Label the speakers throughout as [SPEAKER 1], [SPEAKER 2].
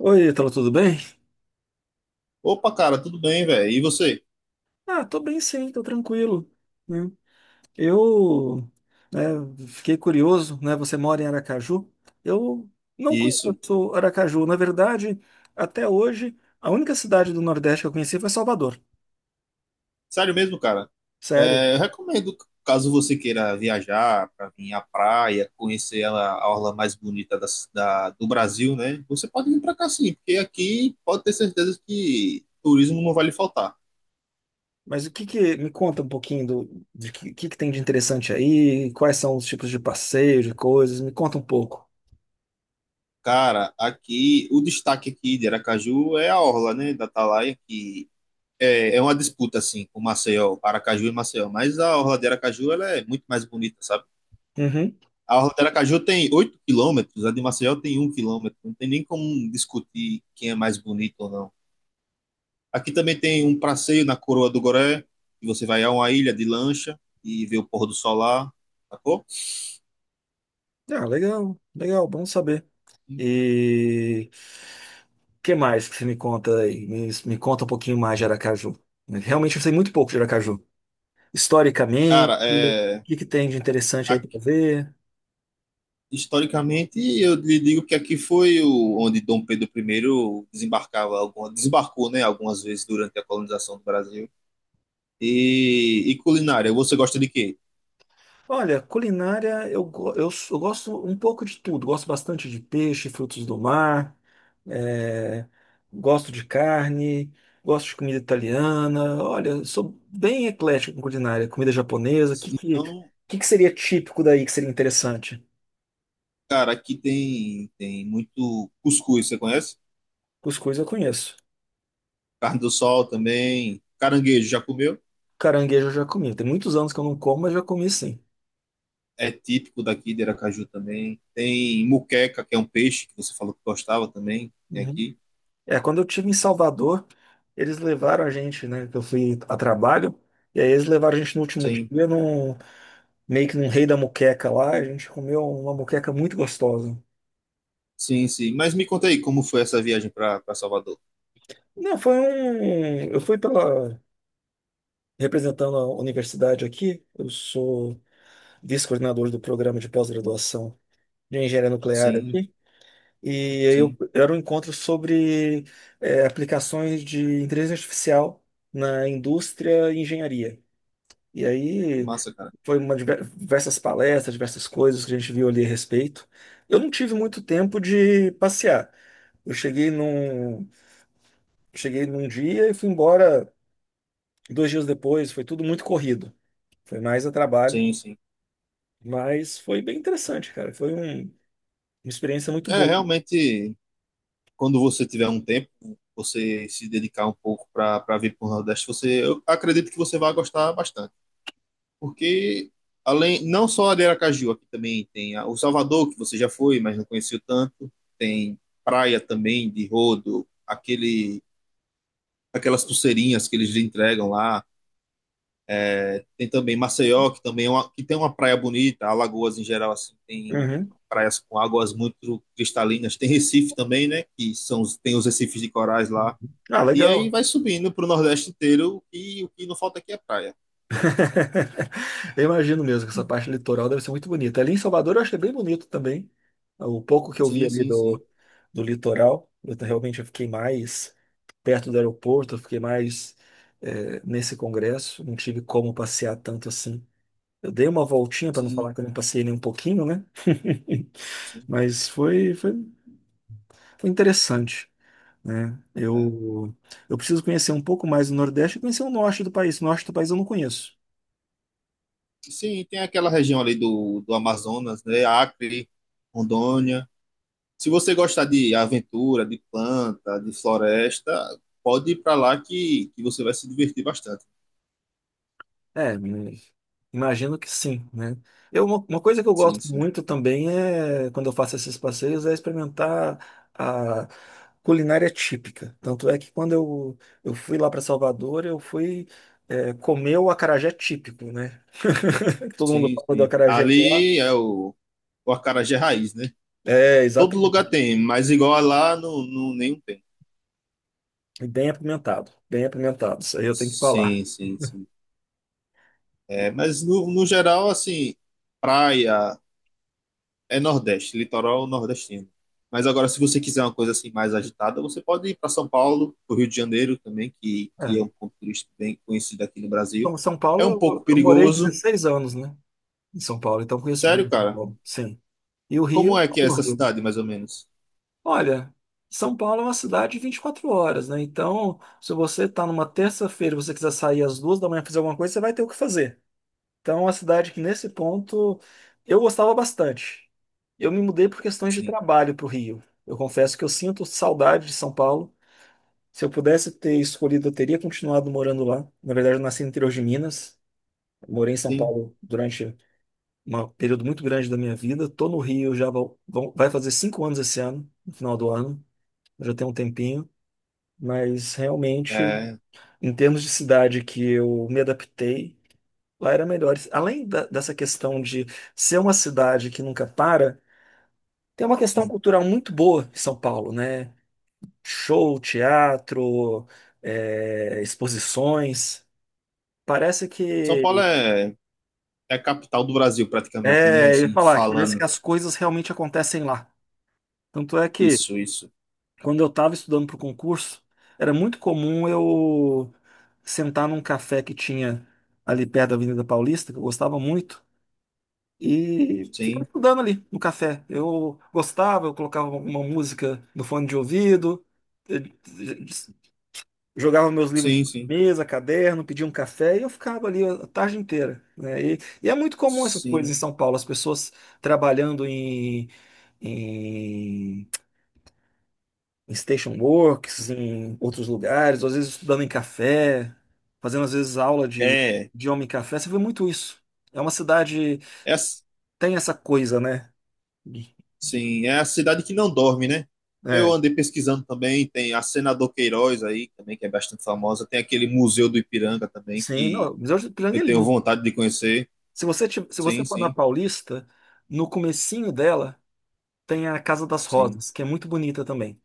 [SPEAKER 1] Oi, Ítalo, tudo bem?
[SPEAKER 2] Opa, cara, tudo bem, velho? E você?
[SPEAKER 1] Tô bem sim, tô tranquilo, né? Eu, né, Fiquei curioso, né? Você mora em Aracaju? Eu não
[SPEAKER 2] Isso.
[SPEAKER 1] conheço Aracaju. Na verdade, até hoje, a única cidade do Nordeste que eu conheci foi Salvador.
[SPEAKER 2] Sério mesmo, cara?
[SPEAKER 1] Sério.
[SPEAKER 2] É, eu recomendo, caso você queira viajar para vir à praia, conhecer ela, a orla mais bonita da, do Brasil, né? Você pode vir para cá sim, porque aqui pode ter certeza que turismo não vai lhe faltar.
[SPEAKER 1] Mas o que me conta um pouquinho do de que tem de interessante aí, quais são os tipos de passeio, de coisas. Me conta um pouco.
[SPEAKER 2] Cara, aqui, o destaque aqui de Aracaju é a orla, né, da Atalaia, que é uma disputa, assim, com Maceió, Aracaju e Maceió, mas a orla de Aracaju, ela é muito mais bonita, sabe?
[SPEAKER 1] Uhum.
[SPEAKER 2] A orla de Aracaju tem 8 km, a de Maceió tem 1 km. Não tem nem como discutir quem é mais bonito ou não. Aqui também tem um passeio na Coroa do Goré, que você vai a uma ilha de lancha e vê o pôr do sol lá, sacou?
[SPEAKER 1] Ah, legal, legal, bom saber. E... que mais que você me conta aí? Me conta um pouquinho mais de Aracaju. Realmente eu sei muito pouco de Aracaju.
[SPEAKER 2] Cara,
[SPEAKER 1] Historicamente, o
[SPEAKER 2] é,
[SPEAKER 1] que que tem de interessante aí para
[SPEAKER 2] aqui,
[SPEAKER 1] ver?
[SPEAKER 2] historicamente, eu lhe digo que aqui foi onde Dom Pedro I desembarcou, né, algumas vezes durante a colonização do Brasil. E culinária, você gosta de quê?
[SPEAKER 1] Olha, culinária, eu, go- eu, s- eu gosto um pouco de tudo. Gosto bastante de peixe, frutos do mar, é, gosto de carne, gosto de comida italiana. Olha, sou bem eclético com culinária, comida japonesa.
[SPEAKER 2] Então,
[SPEAKER 1] Que seria típico daí que seria interessante?
[SPEAKER 2] cara, aqui tem muito cuscuz, você conhece?
[SPEAKER 1] Cuscuz eu conheço.
[SPEAKER 2] Carne do sol também. Caranguejo, já comeu?
[SPEAKER 1] Caranguejo eu já comi. Tem muitos anos que eu não como, mas já comi sim.
[SPEAKER 2] É típico daqui de Aracaju também. Tem muqueca, que é um peixe que você falou que gostava também. Tem
[SPEAKER 1] Uhum.
[SPEAKER 2] aqui.
[SPEAKER 1] É, quando eu tive em Salvador, eles levaram a gente, né? que Eu fui a trabalho, e aí eles levaram a gente no último dia
[SPEAKER 2] Sim,
[SPEAKER 1] meio que num rei da moqueca lá. A gente comeu uma moqueca muito gostosa.
[SPEAKER 2] sim, sim. Mas me conta aí como foi essa viagem para Salvador.
[SPEAKER 1] Não, foi um. Eu fui pela. Representando a universidade aqui, eu sou vice-coordenador do programa de pós-graduação de engenharia nuclear
[SPEAKER 2] Sim,
[SPEAKER 1] aqui. E aí
[SPEAKER 2] sim.
[SPEAKER 1] era um encontro sobre aplicações de inteligência artificial na indústria e engenharia. E
[SPEAKER 2] Que
[SPEAKER 1] aí
[SPEAKER 2] massa, cara.
[SPEAKER 1] foi diversas palestras, diversas coisas que a gente viu ali a respeito. Eu não tive muito tempo de passear. Eu cheguei num, cheguei num dia e fui embora dois dias depois. Foi tudo muito corrido. Foi mais a trabalho,
[SPEAKER 2] Sim, sim.
[SPEAKER 1] mas foi bem interessante, cara. Uma experiência muito
[SPEAKER 2] É,
[SPEAKER 1] boa.
[SPEAKER 2] realmente, quando você tiver um tempo, você se dedicar um pouco para vir para o Nordeste, eu acredito que você vai gostar bastante. Porque além não só a de Aracaju, aqui também tem o Salvador, que você já foi, mas não conheceu tanto, tem praia também de rodo, aquele aquelas pulseirinhas que eles entregam lá. Tem também Maceió, que também que tem uma praia bonita, Alagoas em geral assim, tem
[SPEAKER 1] Uhum.
[SPEAKER 2] praias com águas muito cristalinas. Tem Recife também, né, que tem os recifes de corais lá.
[SPEAKER 1] Ah,
[SPEAKER 2] E aí
[SPEAKER 1] legal.
[SPEAKER 2] vai subindo para o Nordeste inteiro e o que não falta aqui é praia.
[SPEAKER 1] Eu imagino mesmo que essa parte litoral deve ser muito bonita. Ali em Salvador eu achei bem bonito também. O pouco que eu vi
[SPEAKER 2] Sim,
[SPEAKER 1] ali
[SPEAKER 2] sim, sim.
[SPEAKER 1] do, do litoral, realmente eu fiquei mais perto do aeroporto, eu fiquei mais nesse congresso, não tive como passear tanto assim. Eu dei uma voltinha para não falar
[SPEAKER 2] Sim,
[SPEAKER 1] que eu não passei nem um pouquinho, né?
[SPEAKER 2] sim.
[SPEAKER 1] Mas foi, foi, foi interessante, né?
[SPEAKER 2] É.
[SPEAKER 1] Eu preciso conhecer um pouco mais o Nordeste e conhecer o Norte do país. O Norte do país eu não conheço.
[SPEAKER 2] Sim, tem aquela região ali do Amazonas, né? Acre, Rondônia. Se você gostar de aventura, de planta, de floresta, pode ir para lá que você vai se divertir bastante.
[SPEAKER 1] É, me- imagino que sim, né? Uma coisa que eu gosto
[SPEAKER 2] Sim, sim.
[SPEAKER 1] muito também é, quando eu faço esses passeios, é experimentar a culinária típica. Tanto é que eu fui lá para Salvador, eu fui comer o acarajé típico, né? Todo mundo
[SPEAKER 2] Sim,
[SPEAKER 1] fala do
[SPEAKER 2] sim.
[SPEAKER 1] acarajé de lá.
[SPEAKER 2] Ali é o acarajé raiz, né?
[SPEAKER 1] É,
[SPEAKER 2] Todo lugar
[SPEAKER 1] exatamente.
[SPEAKER 2] tem, mas igual a lá, não, não, nenhum tem.
[SPEAKER 1] E bem apimentado, bem apimentado, isso aí eu tenho que
[SPEAKER 2] Sim,
[SPEAKER 1] falar.
[SPEAKER 2] sim, sim. É, mas no geral, assim, praia, é Nordeste, litoral nordestino. Mas agora, se você quiser uma coisa assim mais agitada, você pode ir para São Paulo, para o Rio de Janeiro também, que
[SPEAKER 1] É.
[SPEAKER 2] é um ponto turístico bem conhecido aqui no Brasil.
[SPEAKER 1] Então, São Paulo,
[SPEAKER 2] É um pouco
[SPEAKER 1] eu morei
[SPEAKER 2] perigoso.
[SPEAKER 1] 16 anos, né? Em São Paulo, então conheço bem
[SPEAKER 2] Sério,
[SPEAKER 1] São
[SPEAKER 2] cara?
[SPEAKER 1] Paulo, sim. E o
[SPEAKER 2] Como
[SPEAKER 1] Rio,
[SPEAKER 2] é que é
[SPEAKER 1] o
[SPEAKER 2] essa
[SPEAKER 1] Rio.
[SPEAKER 2] cidade, mais ou menos?
[SPEAKER 1] Olha, São Paulo é uma cidade de 24 horas, né? Então, se você está numa terça-feira e você quiser sair às duas da manhã fazer alguma coisa, você vai ter o que fazer. Então, é uma cidade que, nesse ponto, eu gostava bastante. Eu me mudei por questões de
[SPEAKER 2] Sim,
[SPEAKER 1] trabalho para o Rio. Eu confesso que eu sinto saudade de São Paulo. Se eu pudesse ter escolhido, eu teria continuado morando lá. Na verdade, eu nasci no interior de Minas. Morei em São
[SPEAKER 2] sim,
[SPEAKER 1] Paulo durante um período muito grande da minha vida. Tô no Rio já vai fazer 5 anos esse ano, no final do ano. Já tem um tempinho. Mas realmente,
[SPEAKER 2] é,
[SPEAKER 1] em termos de cidade que eu me adaptei, lá era melhor. Além dessa questão de ser uma cidade que nunca para, tem uma questão
[SPEAKER 2] sim.
[SPEAKER 1] cultural muito boa em São Paulo, né? Show, teatro, exposições. Parece
[SPEAKER 2] São Paulo
[SPEAKER 1] que.
[SPEAKER 2] é a capital do Brasil, praticamente, né?
[SPEAKER 1] É, eu ia
[SPEAKER 2] Assim,
[SPEAKER 1] falar que parece que
[SPEAKER 2] falando
[SPEAKER 1] as coisas realmente acontecem lá. Tanto é que
[SPEAKER 2] isso, isso.
[SPEAKER 1] quando eu estava estudando para o concurso, era muito comum eu sentar num café que tinha ali perto da Avenida Paulista, que eu gostava muito, e ficar
[SPEAKER 2] Sim,
[SPEAKER 1] estudando ali no café. Eu gostava, eu colocava uma música no fone de ouvido, eh, jogava meus livros na
[SPEAKER 2] sim, sim,
[SPEAKER 1] mesa, caderno, pedia um café e eu ficava ali a tarde inteira, né? E é muito comum essas coisas
[SPEAKER 2] sim.
[SPEAKER 1] em São Paulo, as pessoas trabalhando em em station works, em outros lugares, ou às vezes estudando em café, fazendo às vezes aula de
[SPEAKER 2] É,
[SPEAKER 1] idioma em café. Você vê muito isso. É uma cidade,
[SPEAKER 2] é,
[SPEAKER 1] tem essa coisa, né? De- de-
[SPEAKER 2] sim, é a cidade que não dorme, né? Eu
[SPEAKER 1] É,
[SPEAKER 2] andei pesquisando também, tem a Senador Queiroz aí também, que é bastante famosa. Tem aquele Museu do Ipiranga também,
[SPEAKER 1] sim,
[SPEAKER 2] que
[SPEAKER 1] não, Miguel de Ipiranga
[SPEAKER 2] eu
[SPEAKER 1] é
[SPEAKER 2] tenho
[SPEAKER 1] lindo.
[SPEAKER 2] vontade de conhecer.
[SPEAKER 1] Se você, se você
[SPEAKER 2] Sim,
[SPEAKER 1] for na
[SPEAKER 2] sim,
[SPEAKER 1] Paulista, no comecinho dela tem a Casa das
[SPEAKER 2] sim,
[SPEAKER 1] Rosas, que é muito bonita também.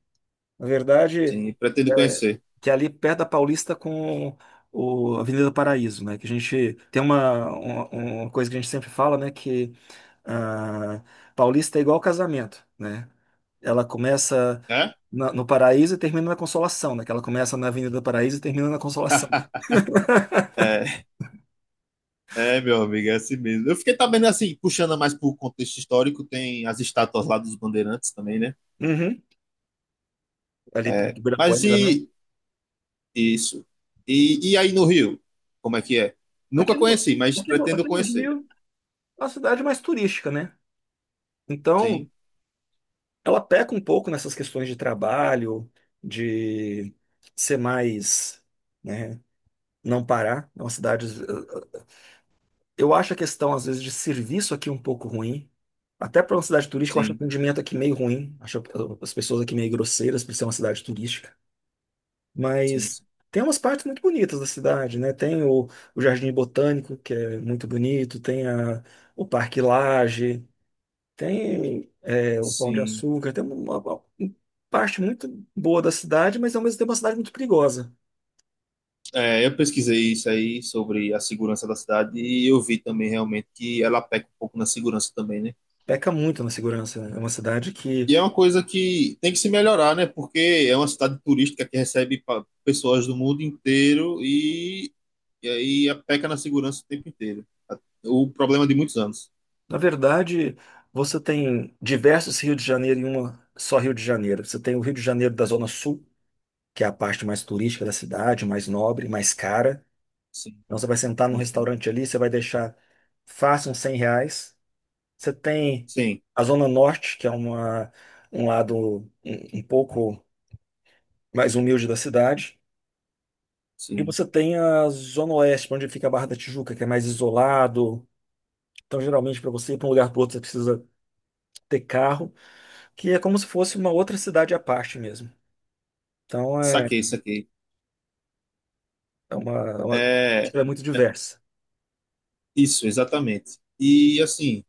[SPEAKER 1] Na verdade,
[SPEAKER 2] sim, pretendo
[SPEAKER 1] é,
[SPEAKER 2] conhecer.
[SPEAKER 1] que é ali perto da Paulista com o Avenida do Paraíso, né? Que a gente tem uma coisa que a gente sempre fala, né? Que ah, Paulista é igual casamento, né? Ela começa
[SPEAKER 2] É?
[SPEAKER 1] no Paraíso e termina na Consolação, né? Que ela começa na Avenida do Paraíso e termina na Consolação.
[SPEAKER 2] É, é, meu amigo, é assim mesmo. Eu fiquei também assim, puxando mais pro contexto histórico, tem as estátuas lá dos bandeirantes também, né?
[SPEAKER 1] Uhum. Ali perto
[SPEAKER 2] É,
[SPEAKER 1] de
[SPEAKER 2] mas
[SPEAKER 1] Ibirapuera, né?
[SPEAKER 2] e isso? E aí no Rio? Como é que é? Nunca
[SPEAKER 1] Aqui no,
[SPEAKER 2] conheci, mas pretendo
[SPEAKER 1] aqui no
[SPEAKER 2] conhecer.
[SPEAKER 1] Rio é uma cidade mais turística, né? Então,
[SPEAKER 2] Sim,
[SPEAKER 1] ela peca um pouco nessas questões de trabalho, de ser mais, né, não parar. É uma cidade. Eu acho a questão, às vezes, de serviço aqui um pouco ruim. Até para uma cidade turística, eu acho o
[SPEAKER 2] sim,
[SPEAKER 1] atendimento aqui meio ruim. Acho as pessoas aqui meio grosseiras por ser uma cidade turística.
[SPEAKER 2] sim,
[SPEAKER 1] Mas
[SPEAKER 2] sim.
[SPEAKER 1] tem umas partes muito bonitas da cidade, né? Tem o Jardim Botânico, que é muito bonito, tem o Parque Lage. Tem o Pão de
[SPEAKER 2] Sim,
[SPEAKER 1] Açúcar, tem parte muito boa da cidade, mas ao mesmo tempo é uma cidade muito perigosa.
[SPEAKER 2] é, eu pesquisei isso aí sobre a segurança da cidade e eu vi também realmente que ela peca um pouco na segurança também, né?
[SPEAKER 1] Peca muito na segurança, né? É uma cidade que,
[SPEAKER 2] E é uma coisa que tem que se melhorar, né? Porque é uma cidade turística que recebe pessoas do mundo inteiro e aí a peca na segurança o tempo inteiro. O problema é de muitos anos.
[SPEAKER 1] na verdade, você tem diversos Rio de Janeiro em uma só Rio de Janeiro. Você tem o Rio de Janeiro da Zona Sul, que é a parte mais turística da cidade, mais nobre, mais cara.
[SPEAKER 2] Sim,
[SPEAKER 1] Então você vai sentar num
[SPEAKER 2] sim, sim.
[SPEAKER 1] restaurante ali, você vai deixar fácil uns 100 reais. Você tem
[SPEAKER 2] Sim,
[SPEAKER 1] a Zona Norte, que é um lado um pouco mais humilde da cidade. E
[SPEAKER 2] sim.
[SPEAKER 1] você tem a Zona Oeste, onde fica a Barra da Tijuca, que é mais isolado. Então, geralmente, para você ir para um lugar para outro, você precisa ter carro, que é como se fosse uma outra cidade à parte mesmo. Então,
[SPEAKER 2] Saquei, saquei.
[SPEAKER 1] é uma-
[SPEAKER 2] É,
[SPEAKER 1] é muito
[SPEAKER 2] é,
[SPEAKER 1] diversa.
[SPEAKER 2] isso, exatamente. E assim.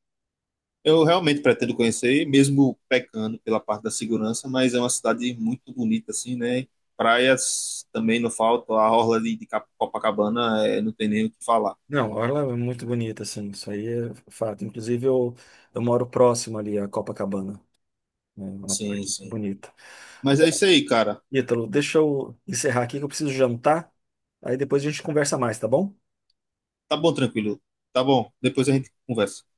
[SPEAKER 2] Eu realmente pretendo conhecer, mesmo pecando pela parte da segurança, mas é uma cidade muito bonita, assim, né? Praias também não faltam, a orla ali de Copacabana não tem nem o que falar.
[SPEAKER 1] Não, a Orla é muito bonita, assim, isso aí é fato. Inclusive, eu moro próximo ali à Copacabana, né, é uma parte
[SPEAKER 2] Sim, sim.
[SPEAKER 1] bonita.
[SPEAKER 2] Mas é isso aí, cara.
[SPEAKER 1] Ítalo, deixa eu encerrar aqui que eu preciso jantar, aí depois a gente conversa mais, tá bom?
[SPEAKER 2] Tá bom, tranquilo. Tá bom, depois a gente conversa.